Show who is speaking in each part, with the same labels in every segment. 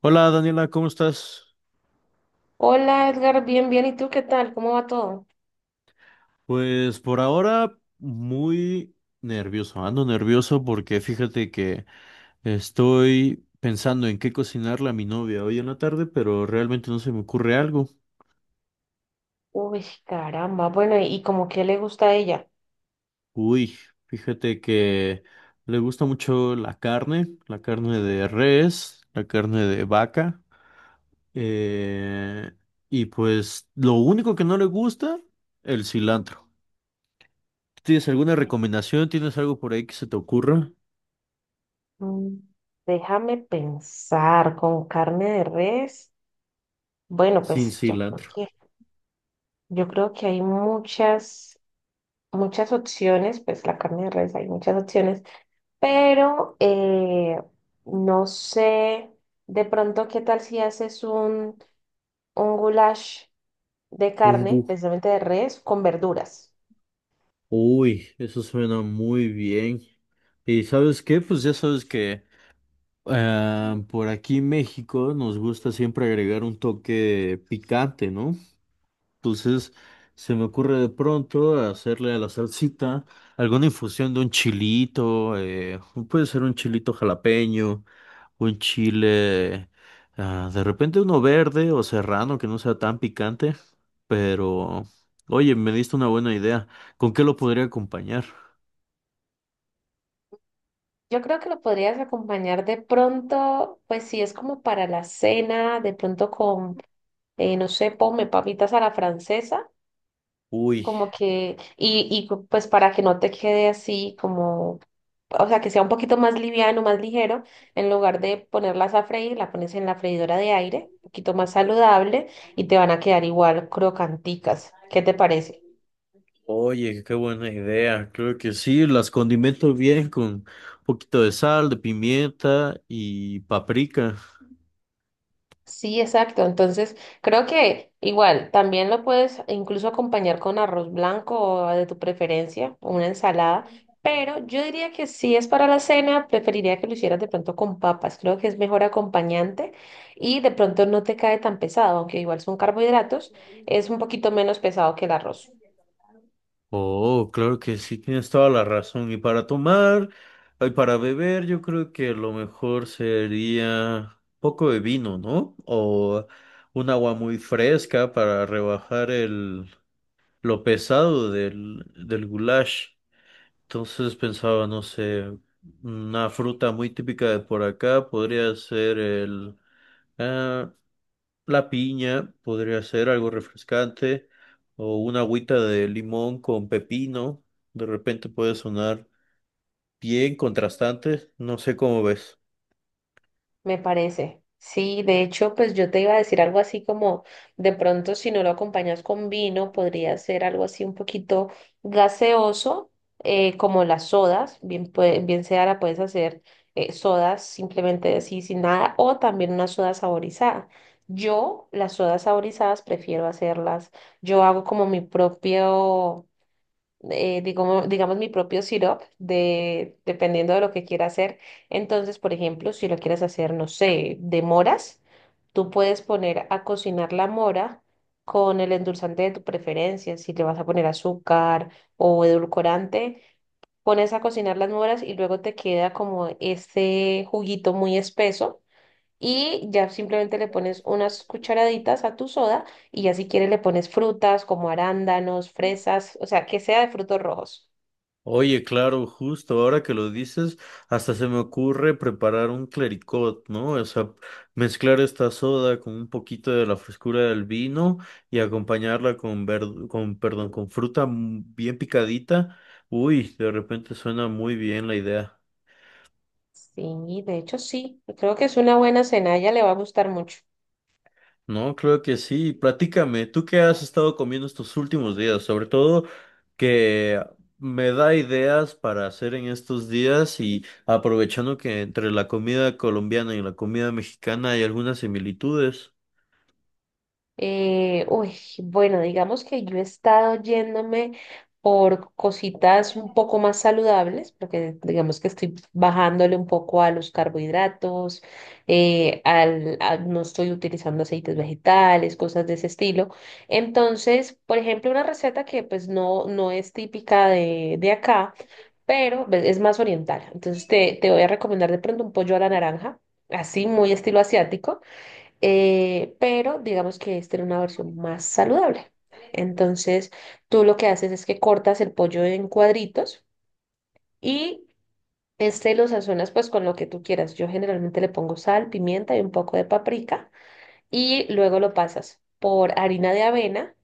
Speaker 1: Hola Daniela, ¿cómo estás?
Speaker 2: Hola Edgar, bien, bien. ¿Y tú qué tal? ¿Cómo va todo?
Speaker 1: Pues por ahora muy nervioso, ando nervioso porque fíjate que estoy pensando en qué cocinarle a mi novia hoy en la tarde, pero realmente no se me ocurre algo.
Speaker 2: Uy, caramba. Bueno, ¿y como qué le gusta a ella?
Speaker 1: Uy, fíjate que le gusta mucho la carne de res, la carne de vaca, eh, y pues lo único que no le gusta, el cilantro. ¿Tienes alguna recomendación? ¿Tienes algo por ahí que se te ocurra?
Speaker 2: Mm, Déjame pensar, con carne de res. Bueno,
Speaker 1: Sin
Speaker 2: pues
Speaker 1: cilantro.
Speaker 2: yo creo que hay muchas, muchas opciones, pues la carne de res hay muchas opciones, pero no sé, de pronto, ¿qué tal si haces un goulash de
Speaker 1: Un gu.
Speaker 2: carne, precisamente de res, con verduras?
Speaker 1: Uy, eso suena muy bien. ¿Y sabes qué? Pues ya sabes que por aquí en México nos gusta siempre agregar un toque picante, ¿no? Entonces, se me ocurre de pronto hacerle a la salsita alguna infusión de un chilito, puede ser un chilito jalapeño, un chile, ah, de repente uno verde o serrano que no sea tan picante, pero, oye, me diste una buena idea. ¿Con qué lo podría acompañar?
Speaker 2: Yo creo que lo podrías acompañar de pronto, pues si es como para la cena, no sé, ponme papitas a la francesa,
Speaker 1: Uy,
Speaker 2: como que, pues para que no te quede así como, o sea, que sea un poquito más liviano, más ligero, en lugar de ponerlas a freír, la pones en la freidora de aire, un poquito más saludable, y te van a quedar igual crocanticas. ¿Qué te parece?
Speaker 1: oye, qué buena idea. Creo que sí, las condimento bien con un poquito de sal, de pimienta y paprika.
Speaker 2: Sí, exacto. Entonces, creo que igual también lo puedes incluso acompañar con arroz blanco o de tu preferencia, o una ensalada. Pero yo diría que si es para la cena, preferiría que lo hicieras de pronto con papas. Creo que es mejor acompañante y de pronto no te cae tan pesado, aunque igual son carbohidratos, es un poquito menos pesado que el arroz.
Speaker 1: Oh, claro que sí, tienes toda la razón. Y para tomar, y para beber, yo creo que lo mejor sería un poco de vino, ¿no? O un agua muy fresca para rebajar el, lo pesado del goulash. Entonces pensaba, no sé, una fruta muy típica de por acá podría ser el, ah, la piña podría ser algo refrescante o una agüita de limón con pepino. De repente puede sonar bien contrastante. No sé cómo ves.
Speaker 2: Me parece. Sí, de hecho, pues yo te iba a decir algo así como, de pronto si no lo acompañas con vino, podría ser algo así un poquito gaseoso, como las sodas, bien, bien sea la puedes hacer sodas simplemente así sin nada, o también una soda saborizada. Yo las sodas saborizadas prefiero hacerlas, yo hago como mi propio digamos, mi propio syrup, de, dependiendo de lo que quiera hacer. Entonces, por ejemplo, si lo quieres hacer, no sé, de moras, tú puedes poner a cocinar la mora con el endulzante de tu preferencia, si le vas a poner azúcar o edulcorante, pones a cocinar las moras y luego te queda como ese juguito muy espeso. Y ya simplemente le pones unas cucharaditas a tu soda y ya si quieres le pones frutas como arándanos, fresas, o sea, que sea de frutos rojos.
Speaker 1: Oye, claro, justo ahora que lo dices, hasta se me ocurre preparar un clericot, ¿no? O sea, mezclar esta soda con un poquito de la frescura del vino y acompañarla con con, perdón, con fruta bien picadita. Uy, de repente suena muy bien la idea.
Speaker 2: Sí, de hecho sí, creo que es una buena cena, a ella le va a gustar mucho.
Speaker 1: No, creo que sí. Platícame, ¿tú qué has estado comiendo estos últimos días? Sobre todo que me da ideas para hacer en estos días y aprovechando que entre la comida colombiana y la comida mexicana hay algunas similitudes.
Speaker 2: Uy, bueno, digamos que yo he estado yéndome por cositas un poco más saludables, porque digamos que estoy bajándole un poco a los carbohidratos, no estoy utilizando aceites vegetales, cosas de ese estilo. Entonces, por ejemplo, una receta que no es típica de acá, pero pues, es más oriental. Entonces, te voy a recomendar de pronto un pollo a la naranja, así muy estilo asiático pero digamos que esta era una versión más saludable. Entonces, tú lo que haces es que cortas el pollo en cuadritos y este lo sazonas pues con lo que tú quieras. Yo generalmente le pongo sal, pimienta y un poco de paprika y luego lo pasas por harina de avena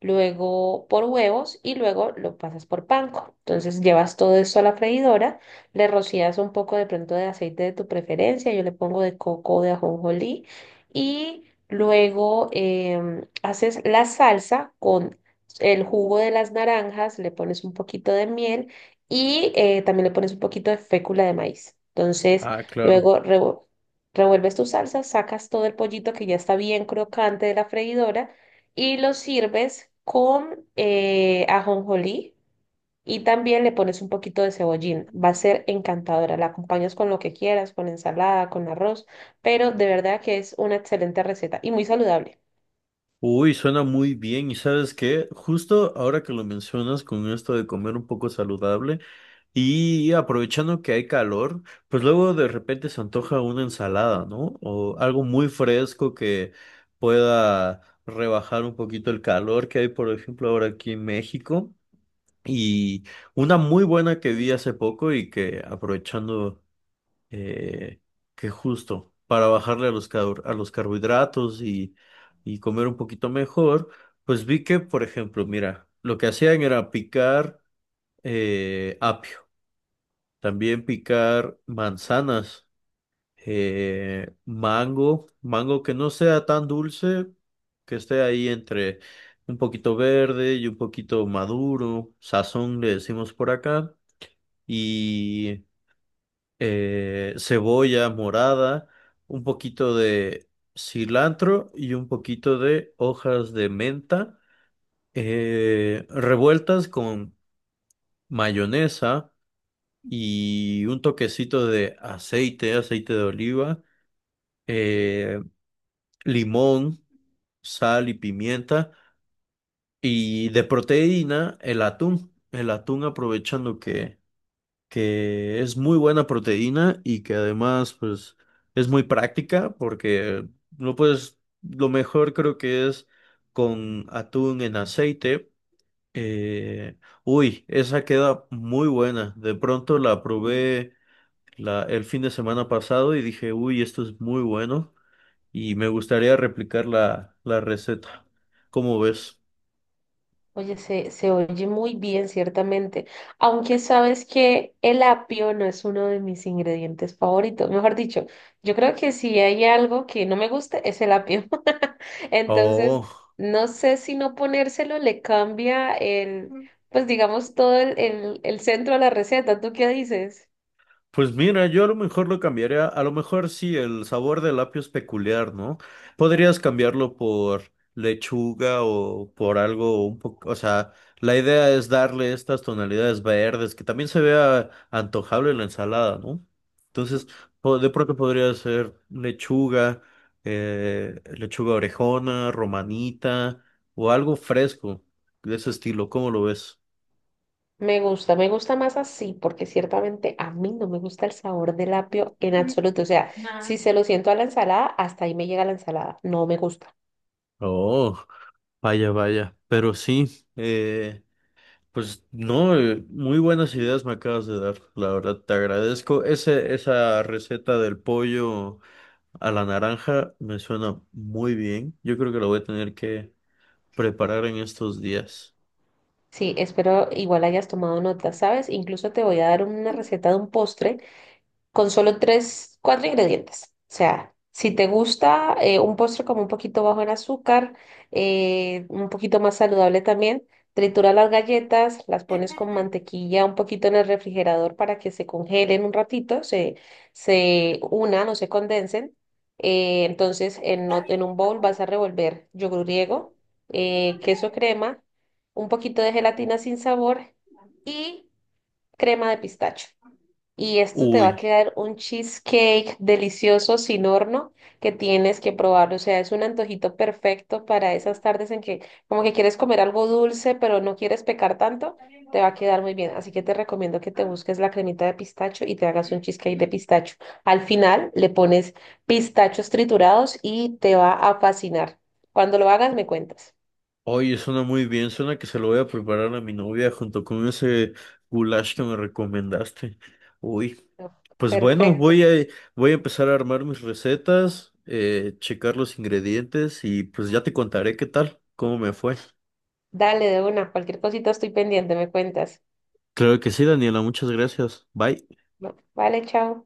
Speaker 2: luego por huevos y luego lo pasas por panko. Entonces llevas todo esto a la freidora, le rocías un poco de pronto de aceite de tu preferencia, yo le pongo de coco o de ajonjolí y luego haces la salsa con el jugo de las naranjas, le pones un poquito de miel y también le pones un poquito de fécula de maíz. Entonces
Speaker 1: Ah, claro.
Speaker 2: luego revuelves tu salsa, sacas todo el pollito que ya está bien crocante de la freidora y lo sirves con ajonjolí y también le pones un poquito de cebollín. Va a ser encantadora. La acompañas con lo que quieras, con ensalada, con arroz, pero de verdad que es una excelente receta y muy saludable.
Speaker 1: Uy, suena muy bien. ¿Y sabes qué? Justo ahora que lo mencionas con esto de comer un poco saludable y aprovechando que hay calor, pues luego de repente se antoja una ensalada, ¿no? O algo muy fresco que pueda rebajar un poquito el calor que hay, por ejemplo, ahora aquí en México. Y una muy buena que vi hace poco y que aprovechando eh, que justo para bajarle a a los carbohidratos y comer un poquito mejor, pues vi que, por ejemplo, mira, lo que hacían era picar apio, también picar manzanas, mango, mango que no sea tan dulce, que esté ahí entre un poquito verde y un poquito maduro, sazón le decimos por acá, y cebolla morada, un poquito de cilantro y un poquito de hojas de menta, revueltas con mayonesa y un toquecito de aceite, aceite de oliva, eh, limón, sal y pimienta y de proteína el atún aprovechando que es muy buena proteína y que además pues es muy práctica porque lo puedes, lo mejor creo que es con atún en aceite. Eh, uy, esa queda muy buena. De pronto el fin de semana pasado y dije, uy, esto es muy bueno y me gustaría replicar la receta. ¿Cómo ves?
Speaker 2: Oye, se oye muy bien, ciertamente. Aunque sabes que el apio no es uno de mis ingredientes favoritos. Mejor dicho, yo creo que si hay algo que no me guste es el apio. Entonces,
Speaker 1: Oh.
Speaker 2: no sé si no ponérselo le cambia el, pues digamos, todo el centro de la receta. ¿Tú qué dices?
Speaker 1: Pues mira, yo a lo mejor lo cambiaría, a lo mejor sí, el sabor del apio es peculiar, ¿no? Podrías cambiarlo por lechuga o por algo un poco, o sea, la idea es darle estas tonalidades verdes que también se vea antojable en la ensalada, ¿no? Entonces, de pronto podría ser lechuga, lechuga orejona, romanita o algo fresco de ese estilo, ¿cómo lo ves?
Speaker 2: Me gusta más así, porque ciertamente a mí no me gusta el sabor del apio en absoluto. O sea, si se lo siento a la ensalada, hasta ahí me llega la ensalada. No me gusta.
Speaker 1: Oh, vaya, vaya, pero sí, Pues no, muy buenas ideas me acabas de dar, la verdad, te agradezco. Esa receta del pollo a la naranja me suena muy bien. Yo creo que la voy a tener que preparar en estos días.
Speaker 2: Sí, espero igual hayas tomado nota, ¿sabes? Incluso te voy a dar una receta de un postre con solo tres, cuatro ingredientes. O sea, si te gusta un postre como un poquito bajo en azúcar, un poquito más saludable también, tritura las galletas, las pones con mantequilla un poquito en el refrigerador para que se congelen un ratito, se unan o se condensen. Entonces, en un bowl vas a revolver yogur griego, queso crema, un poquito de gelatina sin sabor y crema de pistacho. Y esto te va a
Speaker 1: Uy,
Speaker 2: quedar un cheesecake delicioso sin horno que tienes que probarlo. O sea, es un antojito perfecto para esas tardes en que como que quieres comer algo dulce, pero no quieres pecar tanto. Te va a quedar muy bien. Así que te recomiendo que te busques la cremita de pistacho y te hagas un cheesecake de pistacho. Al final le pones pistachos triturados y te va a fascinar. Cuando lo hagas, me cuentas.
Speaker 1: oye, suena muy bien, suena que se lo voy a preparar a mi novia junto con ese goulash que me recomendaste. Uy, pues bueno,
Speaker 2: Perfecto.
Speaker 1: voy a empezar a armar mis recetas, checar los ingredientes y pues ya te contaré qué tal, cómo me fue.
Speaker 2: Dale de una. Cualquier cosita estoy pendiente, me cuentas.
Speaker 1: Claro que sí, Daniela, muchas gracias. Bye.
Speaker 2: Vale, chao.